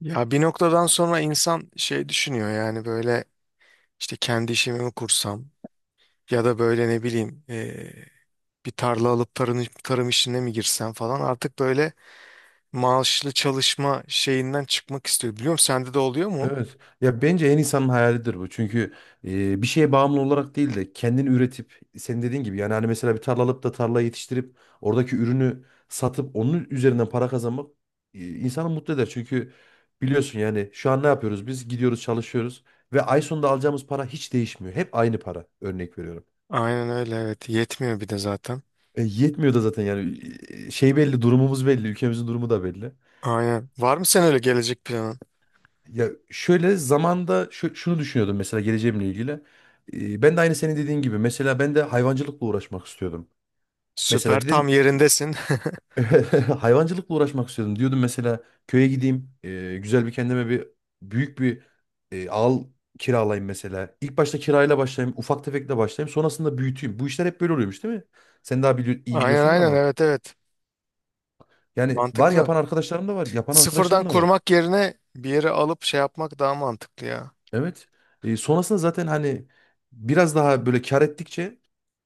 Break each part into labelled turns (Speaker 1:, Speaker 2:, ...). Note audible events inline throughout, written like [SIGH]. Speaker 1: Ya bir noktadan sonra insan şey düşünüyor yani böyle işte kendi işimi mi kursam ya da böyle ne bileyim bir tarla alıp tarım işine mi girsem falan artık böyle maaşlı çalışma şeyinden çıkmak istiyor. Biliyor musun? Sende de oluyor mu?
Speaker 2: Evet. Ya bence insanın hayalidir bu. Çünkü bir şeye bağımlı olarak değil de kendini üretip senin dediğin gibi yani hani mesela bir tarla alıp da tarla yetiştirip oradaki ürünü satıp onun üzerinden para kazanmak insanı mutlu eder. Çünkü biliyorsun yani şu an ne yapıyoruz? Biz gidiyoruz, çalışıyoruz ve ay sonunda alacağımız para hiç değişmiyor. Hep aynı para. Örnek veriyorum.
Speaker 1: Aynen öyle, evet, yetmiyor bir de zaten.
Speaker 2: E, yetmiyor da zaten yani şey belli, durumumuz belli, ülkemizin durumu da belli.
Speaker 1: Aynen. Var mı sen öyle gelecek planın?
Speaker 2: Ya şöyle zamanda şunu düşünüyordum mesela geleceğimle ilgili. Ben de aynı senin dediğin gibi mesela ben de hayvancılıkla uğraşmak istiyordum.
Speaker 1: Süper,
Speaker 2: Mesela
Speaker 1: tam
Speaker 2: dedim
Speaker 1: yerindesin. [LAUGHS]
Speaker 2: [LAUGHS] hayvancılıkla uğraşmak istiyordum. Diyordum mesela köye gideyim, güzel bir kendime bir büyük bir e, al kiralayayım mesela. İlk başta kirayla başlayayım, ufak tefekle başlayayım, sonrasında büyüteyim. Bu işler hep böyle oluyormuş değil mi? Sen daha iyi
Speaker 1: Aynen
Speaker 2: biliyorsundur
Speaker 1: aynen,
Speaker 2: ama.
Speaker 1: evet evet,
Speaker 2: Yani
Speaker 1: mantıklı.
Speaker 2: var yapan
Speaker 1: Sıfırdan
Speaker 2: arkadaşlarım da var.
Speaker 1: kurmak yerine bir yere alıp şey yapmak daha mantıklı ya.
Speaker 2: Evet. E, sonrasında zaten hani biraz daha böyle kar ettikçe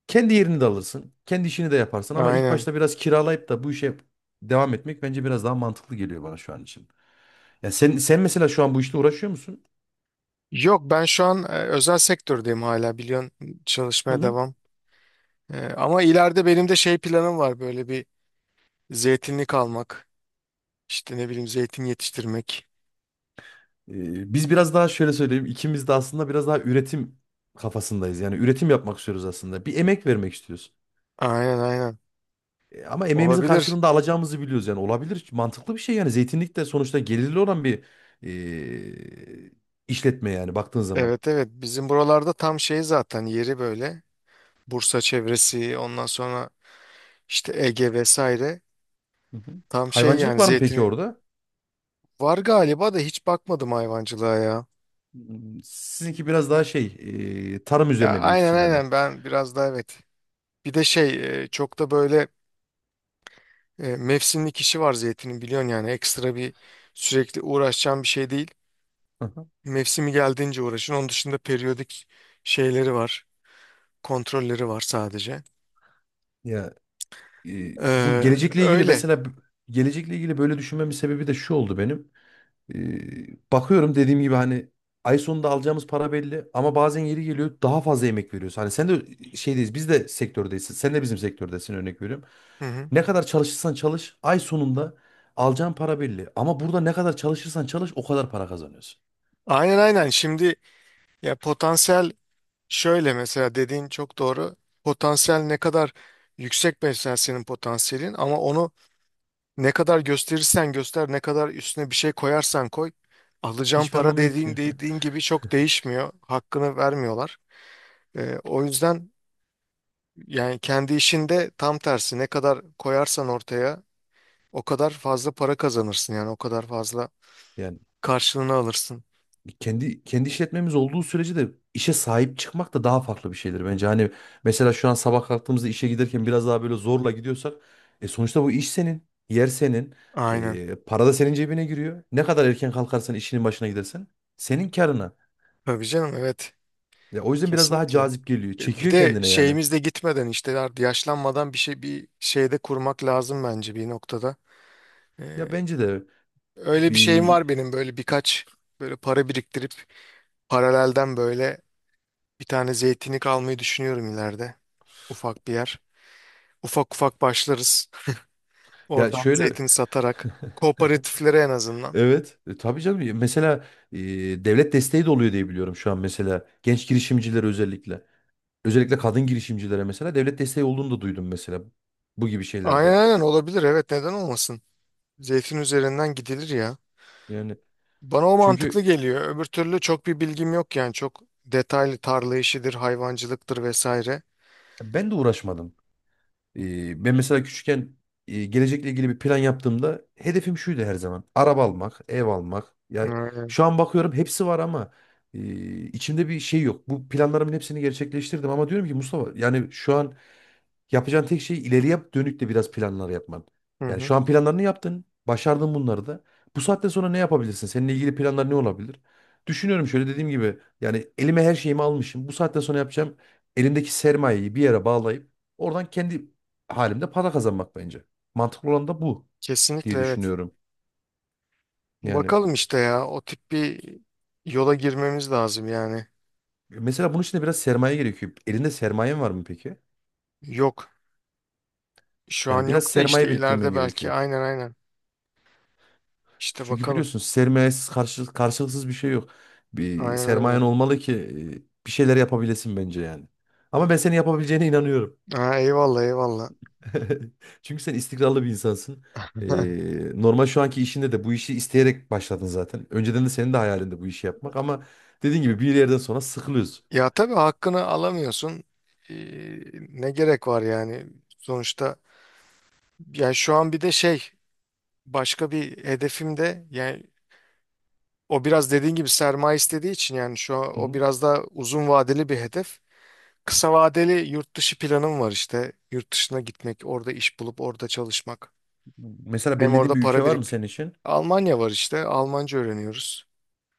Speaker 2: kendi yerini de alırsın. Kendi işini de yaparsın, ama ilk
Speaker 1: Aynen.
Speaker 2: başta biraz kiralayıp da bu işe devam etmek bence biraz daha mantıklı geliyor bana şu an için. Ya sen mesela şu an bu işle uğraşıyor musun?
Speaker 1: Yok, ben şu an özel sektördeyim, hala biliyorsun,
Speaker 2: Hı
Speaker 1: çalışmaya
Speaker 2: hı.
Speaker 1: devam. Ama ileride benim de şey planım var, böyle bir zeytinlik almak. İşte ne bileyim, zeytin yetiştirmek.
Speaker 2: Biz biraz daha şöyle söyleyeyim, ikimiz de aslında biraz daha üretim kafasındayız. Yani üretim yapmak istiyoruz aslında. Bir emek vermek istiyoruz.
Speaker 1: Aynen aynen.
Speaker 2: E, ama emeğimizin
Speaker 1: Olabilir.
Speaker 2: karşılığında alacağımızı biliyoruz, yani olabilir. Mantıklı bir şey yani, zeytinlik de sonuçta gelirli olan bir e, işletme yani baktığın zaman.
Speaker 1: Evet evet, bizim buralarda tam şey zaten yeri böyle. Bursa çevresi, ondan sonra işte Ege vesaire.
Speaker 2: Hı hı.
Speaker 1: Tam şey
Speaker 2: Hayvancılık
Speaker 1: yani
Speaker 2: var mı peki
Speaker 1: zeytinin.
Speaker 2: orada?
Speaker 1: Var galiba da hiç bakmadım hayvancılığa ya.
Speaker 2: Hmm, sizinki biraz daha şey, tarım
Speaker 1: Ya
Speaker 2: üzerine büyük
Speaker 1: aynen
Speaker 2: ihtimalle.
Speaker 1: aynen, ben biraz daha evet. Bir de şey, çok da böyle, mevsimlik işi var zeytinin, biliyorsun, yani ekstra bir sürekli uğraşacağın bir şey değil.
Speaker 2: Hı hı.
Speaker 1: Mevsimi geldiğince uğraşın. Onun dışında periyodik şeyleri var. Kontrolleri var sadece.
Speaker 2: Ya bu
Speaker 1: Ee,
Speaker 2: gelecekle ilgili
Speaker 1: öyle.
Speaker 2: mesela gelecekle ilgili böyle düşünmemin sebebi de şu oldu benim. Bakıyorum dediğim gibi hani ay sonunda alacağımız para belli, ama bazen yeri geliyor daha fazla emek veriyoruz. Hani sen de şeydeyiz, biz de sektördeyiz. Sen de bizim sektördesin, örnek veriyorum.
Speaker 1: Hı hı.
Speaker 2: Ne kadar çalışırsan çalış ay sonunda alacağın para belli. Ama burada ne kadar çalışırsan çalış o kadar para kazanıyorsun.
Speaker 1: Aynen aynen. Şimdi ya potansiyel, şöyle mesela, dediğin çok doğru. Potansiyel ne kadar yüksek mesela senin potansiyelin, ama onu ne kadar gösterirsen göster, ne kadar üstüne bir şey koyarsan koy, alacağın
Speaker 2: Hiçbir
Speaker 1: para
Speaker 2: anlamı yok
Speaker 1: dediğin
Speaker 2: ki.
Speaker 1: dediğin
Speaker 2: [LAUGHS]
Speaker 1: gibi çok değişmiyor. Hakkını vermiyorlar. O yüzden yani kendi işinde tam tersi, ne kadar koyarsan ortaya o kadar fazla para kazanırsın, yani o kadar fazla
Speaker 2: Yani
Speaker 1: karşılığını alırsın.
Speaker 2: kendi işletmemiz olduğu sürece de işe sahip çıkmak da daha farklı bir şeydir bence. Hani mesela şu an sabah kalktığımızda işe giderken biraz daha böyle zorla gidiyorsak, sonuçta bu iş senin, yer senin,
Speaker 1: Aynen.
Speaker 2: para da senin cebine giriyor. Ne kadar erken kalkarsan, işinin başına gidersen, senin karına.
Speaker 1: Tabii canım, evet,
Speaker 2: Ya o yüzden biraz daha
Speaker 1: kesinlikle.
Speaker 2: cazip geliyor.
Speaker 1: Bir
Speaker 2: Çekiyor
Speaker 1: de
Speaker 2: kendine yani.
Speaker 1: şeyimiz de gitmeden, işte artık yaşlanmadan bir şey, bir şeyde kurmak lazım bence bir noktada. Ee,
Speaker 2: Ya bence de
Speaker 1: öyle bir şeyim
Speaker 2: bir
Speaker 1: var benim, böyle birkaç böyle para biriktirip, paralelden böyle bir tane zeytinlik almayı düşünüyorum ileride. Ufak bir yer. Ufak ufak başlarız.
Speaker 2: ya
Speaker 1: Oradan
Speaker 2: şöyle
Speaker 1: zeytin satarak. Kooperatiflere en azından.
Speaker 2: evet, tabii canım mesela e, devlet desteği de oluyor diye biliyorum şu an mesela, genç girişimciler özellikle. Özellikle kadın girişimcilere mesela devlet desteği olduğunu da duydum mesela bu gibi
Speaker 1: Aynen
Speaker 2: şeylerde.
Speaker 1: aynen, olabilir, evet, neden olmasın. Zeytin üzerinden gidilir ya.
Speaker 2: Yani
Speaker 1: Bana o mantıklı
Speaker 2: çünkü
Speaker 1: geliyor. Öbür türlü çok bir bilgim yok yani. Çok detaylı, tarla işidir, hayvancılıktır vesaire.
Speaker 2: ben de uğraşmadım. Ben mesela küçükken gelecekle ilgili bir plan yaptığımda hedefim şuydu her zaman. Araba almak, ev almak. Ya
Speaker 1: Ee,
Speaker 2: şu an bakıyorum hepsi var, ama içimde bir şey yok. Bu planlarımın hepsini gerçekleştirdim, ama diyorum ki Mustafa, yani şu an yapacağın tek şey ileriye dönük de biraz planlar yapman.
Speaker 1: Hı
Speaker 2: Yani
Speaker 1: hı.
Speaker 2: şu an planlarını yaptın, başardın bunları da. Bu saatten sonra ne yapabilirsin? Seninle ilgili planlar ne olabilir? Düşünüyorum, şöyle dediğim gibi yani elime her şeyimi almışım. Bu saatten sonra yapacağım, elimdeki sermayeyi bir yere bağlayıp oradan kendi halimde para kazanmak bence. Mantıklı olan da bu diye
Speaker 1: Kesinlikle evet.
Speaker 2: düşünüyorum. Yani
Speaker 1: Bakalım işte, ya o tip bir yola girmemiz lazım yani.
Speaker 2: mesela bunun için de biraz sermaye gerekiyor. Elinde sermayen var mı peki?
Speaker 1: Yok. Şu
Speaker 2: Yani
Speaker 1: an
Speaker 2: biraz
Speaker 1: yok da işte
Speaker 2: sermaye biriktirmen
Speaker 1: ileride belki,
Speaker 2: gerekiyor.
Speaker 1: aynen aynen. İşte
Speaker 2: Çünkü
Speaker 1: bakalım.
Speaker 2: biliyorsun sermayesiz, karşılıksız bir şey yok. Bir
Speaker 1: Aynen
Speaker 2: sermayen
Speaker 1: öyle.
Speaker 2: olmalı ki bir şeyler yapabilesin bence yani. Ama ben senin yapabileceğine inanıyorum.
Speaker 1: Ha, eyvallah eyvallah.
Speaker 2: [LAUGHS] Çünkü sen istikrarlı bir insansın.
Speaker 1: [LAUGHS]
Speaker 2: Normal şu anki işinde de bu işi isteyerek başladın zaten. Önceden de senin de hayalinde bu işi yapmak, ama dediğin gibi bir yerden sonra sıkılıyorsun.
Speaker 1: Ya tabii, hakkını alamıyorsun. Ee, ne gerek var yani? Sonuçta yani şu an bir de şey, başka bir hedefim de yani, o biraz dediğin gibi sermaye istediği için, yani şu an
Speaker 2: Hı
Speaker 1: o
Speaker 2: hı.
Speaker 1: biraz daha uzun vadeli bir hedef. Kısa vadeli yurt dışı planım var işte. Yurt dışına gitmek, orada iş bulup orada çalışmak.
Speaker 2: Mesela
Speaker 1: Hem
Speaker 2: belirlediğin
Speaker 1: orada
Speaker 2: bir
Speaker 1: para
Speaker 2: ülke var mı
Speaker 1: birikti.
Speaker 2: senin için?
Speaker 1: Almanya var işte. Almanca öğreniyoruz.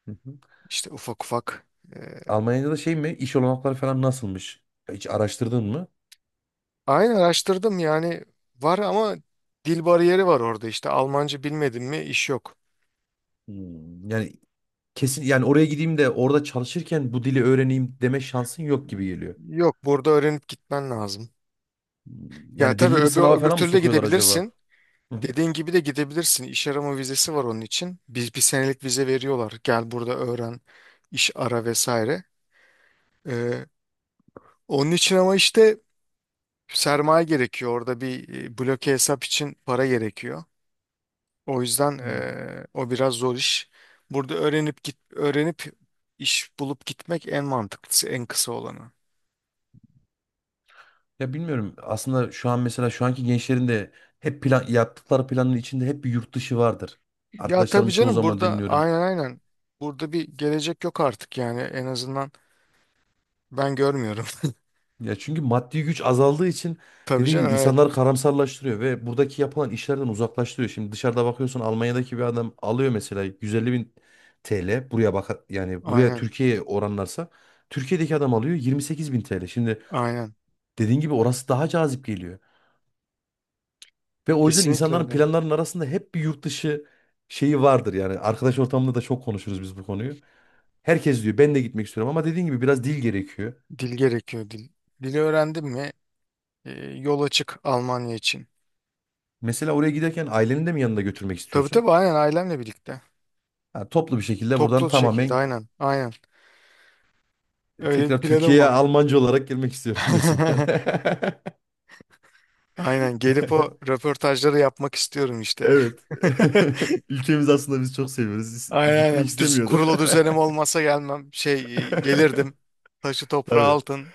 Speaker 2: Hı hı.
Speaker 1: İşte ufak ufak. e,
Speaker 2: Almanya'da da şey mi, İş olanakları falan nasılmış? Hiç araştırdın mı?
Speaker 1: Aynen, araştırdım yani, var ama dil bariyeri var orada, işte Almanca bilmedin mi iş yok.
Speaker 2: Hmm. Yani kesin, yani oraya gideyim de orada çalışırken bu dili öğreneyim deme şansın yok gibi geliyor.
Speaker 1: Yok, burada öğrenip gitmen lazım.
Speaker 2: Hmm,
Speaker 1: Ya
Speaker 2: yani
Speaker 1: tabii,
Speaker 2: belli bir
Speaker 1: öbür,
Speaker 2: sınava
Speaker 1: öbür
Speaker 2: falan mı
Speaker 1: türlü de
Speaker 2: sokuyorlar acaba?
Speaker 1: gidebilirsin.
Speaker 2: Hı hı.
Speaker 1: Dediğin gibi de gidebilirsin. İş arama vizesi var onun için. Biz bir senelik vize veriyorlar. Gel burada öğren, iş ara vesaire. Ee, onun için, ama işte sermaye gerekiyor. Orada bir bloke hesap için para gerekiyor. O yüzden
Speaker 2: Hmm.
Speaker 1: o biraz zor iş. Burada öğrenip git, öğrenip iş bulup gitmek en mantıklısı, en kısa olanı.
Speaker 2: Ya bilmiyorum. Aslında şu an mesela şu anki gençlerin de hep plan yaptıkları planın içinde hep bir yurt dışı vardır.
Speaker 1: Ya tabii
Speaker 2: Arkadaşlarım çoğu
Speaker 1: canım,
Speaker 2: zaman
Speaker 1: burada
Speaker 2: dinliyorum.
Speaker 1: aynen aynen. Burada bir gelecek yok artık yani, en azından ben görmüyorum.
Speaker 2: Ya çünkü maddi güç azaldığı için,
Speaker 1: [LAUGHS] Tabii
Speaker 2: dediğim
Speaker 1: canım,
Speaker 2: gibi,
Speaker 1: evet.
Speaker 2: insanları karamsarlaştırıyor ve buradaki yapılan işlerden uzaklaştırıyor. Şimdi dışarıda bakıyorsun, Almanya'daki bir adam alıyor mesela 150 bin TL, buraya bak yani, buraya
Speaker 1: Aynen.
Speaker 2: Türkiye'ye oranlarsa Türkiye'deki adam alıyor 28 bin TL. Şimdi
Speaker 1: Aynen.
Speaker 2: dediğin gibi orası daha cazip geliyor ve o yüzden
Speaker 1: Kesinlikle
Speaker 2: insanların
Speaker 1: öyle.
Speaker 2: planlarının arasında hep bir yurt dışı şeyi vardır yani. Arkadaş ortamında da çok konuşuruz biz bu konuyu. Herkes diyor ben de gitmek istiyorum, ama dediğin gibi biraz dil gerekiyor.
Speaker 1: Dil gerekiyor, dil. Dili öğrendim mi e, yol açık Almanya için.
Speaker 2: Mesela oraya giderken aileni de mi yanında götürmek
Speaker 1: Tabii
Speaker 2: istiyorsun?
Speaker 1: tabii, aynen, ailemle birlikte.
Speaker 2: Ha, toplu bir şekilde buradan
Speaker 1: Toplu şekilde,
Speaker 2: tamamen
Speaker 1: aynen. Aynen. Öyle bir
Speaker 2: tekrar
Speaker 1: planım
Speaker 2: Türkiye'ye
Speaker 1: var.
Speaker 2: Almanca olarak girmek istiyorum diyorsun yani.
Speaker 1: [LAUGHS] Aynen, gelip o
Speaker 2: [LAUGHS]
Speaker 1: röportajları yapmak istiyorum işte.
Speaker 2: Evet.
Speaker 1: [LAUGHS]
Speaker 2: [LAUGHS] Ülkemiz aslında, biz çok seviyoruz. Biz
Speaker 1: Aynen
Speaker 2: gitmek
Speaker 1: aynen. Düz,
Speaker 2: istemiyorduk.
Speaker 1: kurulu düzenim olmasa gelmem. Şey gelirdim.
Speaker 2: [LAUGHS]
Speaker 1: Taşı toprağı
Speaker 2: Tabii.
Speaker 1: altın.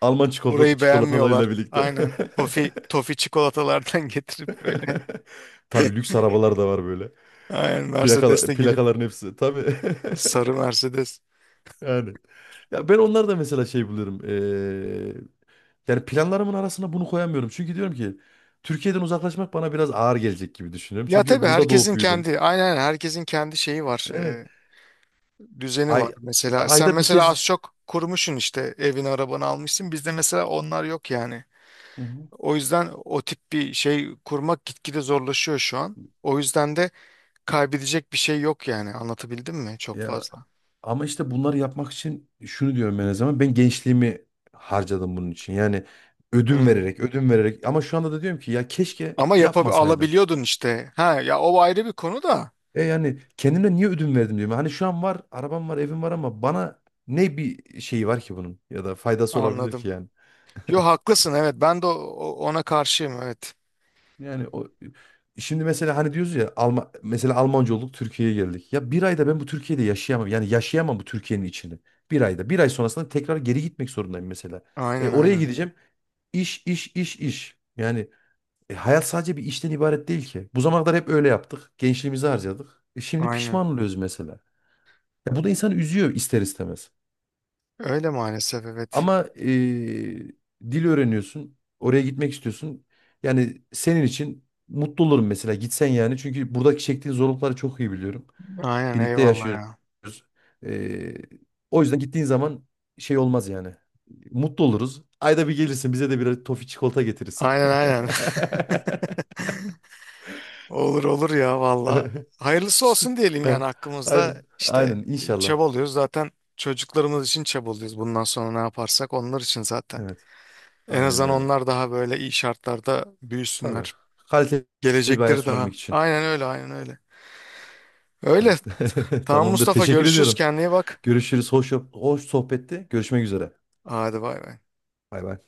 Speaker 2: Alman
Speaker 1: Burayı beğenmiyorlar.
Speaker 2: çikolatalarıyla birlikte.
Speaker 1: Aynen. Tofi çikolatalardan [LAUGHS] getirip böyle.
Speaker 2: [LAUGHS] Tabii lüks arabalar da var böyle.
Speaker 1: Aynen, Mercedes'le girip
Speaker 2: Plakaların hepsi. Tabii.
Speaker 1: sarı
Speaker 2: [LAUGHS]
Speaker 1: Mercedes.
Speaker 2: Yani. Ya ben onlar da mesela şey buluyorum. Yani planlarımın arasına bunu koyamıyorum. Çünkü diyorum ki Türkiye'den uzaklaşmak bana biraz ağır gelecek gibi düşünüyorum.
Speaker 1: Ya
Speaker 2: Çünkü
Speaker 1: tabii,
Speaker 2: burada doğup
Speaker 1: herkesin
Speaker 2: büyüdüm.
Speaker 1: kendi, aynen aynen, herkesin kendi şeyi var.
Speaker 2: Evet.
Speaker 1: Düzeni var.
Speaker 2: Ay,
Speaker 1: Mesela sen
Speaker 2: Ayda bir
Speaker 1: mesela az
Speaker 2: kez.
Speaker 1: çok kurmuşsun, işte evini arabanı almışsın. Bizde mesela onlar yok yani.
Speaker 2: Hı hı.
Speaker 1: O yüzden o tip bir şey kurmak gitgide zorlaşıyor şu an. O yüzden de kaybedecek bir şey yok yani. Anlatabildim mi? Çok
Speaker 2: Ya
Speaker 1: fazla.
Speaker 2: ama işte bunları yapmak için şunu diyorum ben her zaman. Ben gençliğimi harcadım bunun için. Yani ödün
Speaker 1: Hmm.
Speaker 2: vererek, ödün vererek, ama şu anda da diyorum ki ya keşke
Speaker 1: Ama
Speaker 2: yapmasaydım.
Speaker 1: alabiliyordun işte. Ha ya, o ayrı bir konu da.
Speaker 2: E yani kendime niye ödün verdim diyorum. Hani şu an var, arabam var, evim var, ama bana ne bir şeyi var ki bunun, ya da faydası olabilir
Speaker 1: Anladım.
Speaker 2: ki yani?
Speaker 1: Yo, haklısın evet. Ben de ona karşıyım, evet.
Speaker 2: Yani o şimdi mesela hani diyoruz ya, mesela Almanca olduk, Türkiye'ye geldik. Ya bir ayda ben bu Türkiye'de yaşayamam. Yani yaşayamam bu Türkiye'nin içini. Bir ayda. Bir ay sonrasında tekrar geri gitmek zorundayım mesela. E
Speaker 1: Aynen
Speaker 2: oraya
Speaker 1: aynen.
Speaker 2: gideceğim. İş, iş, iş, iş. Yani hayat sadece bir işten ibaret değil ki. Bu zamana kadar hep öyle yaptık. Gençliğimizi harcadık. E, şimdi
Speaker 1: Aynen.
Speaker 2: pişman oluyoruz mesela. Ya bu da insanı üzüyor ister istemez.
Speaker 1: Öyle maalesef, evet.
Speaker 2: Ama dil öğreniyorsun. Oraya gitmek istiyorsun. Yani senin için mutlu olurum mesela, gitsen yani. Çünkü buradaki çektiğin zorlukları çok iyi biliyorum.
Speaker 1: Aynen,
Speaker 2: Birlikte
Speaker 1: eyvallah
Speaker 2: yaşıyoruz.
Speaker 1: ya.
Speaker 2: Eee, O yüzden gittiğin zaman şey olmaz yani. Mutlu oluruz. Ayda bir gelirsin, bize de bir tofi çikolata getirirsin.
Speaker 1: Aynen aynen. [LAUGHS] Olur olur ya valla.
Speaker 2: [LAUGHS]
Speaker 1: Hayırlısı olsun
Speaker 2: Sık-
Speaker 1: diyelim
Speaker 2: He,
Speaker 1: yani hakkımızda,
Speaker 2: Aynen. Aynen
Speaker 1: işte
Speaker 2: inşallah.
Speaker 1: çabalıyoruz. Zaten çocuklarımız için çabalıyoruz. Bundan sonra ne yaparsak onlar için zaten.
Speaker 2: Evet.
Speaker 1: En
Speaker 2: Aynen
Speaker 1: azından
Speaker 2: öyle.
Speaker 1: onlar daha böyle iyi şartlarda
Speaker 2: Tabii.
Speaker 1: büyüsünler.
Speaker 2: Kaliteli bir
Speaker 1: Gelecekleri
Speaker 2: hayat
Speaker 1: evet, daha.
Speaker 2: sunabilmek için.
Speaker 1: Aynen öyle, aynen öyle. Öyle.
Speaker 2: Tamam. [LAUGHS]
Speaker 1: Tamam
Speaker 2: Tamamdır.
Speaker 1: Mustafa,
Speaker 2: Teşekkür
Speaker 1: görüşürüz,
Speaker 2: ediyorum.
Speaker 1: kendine iyi bak.
Speaker 2: Görüşürüz. Hoş sohbetti. Görüşmek üzere.
Speaker 1: Hadi bay bay.
Speaker 2: Bay bay.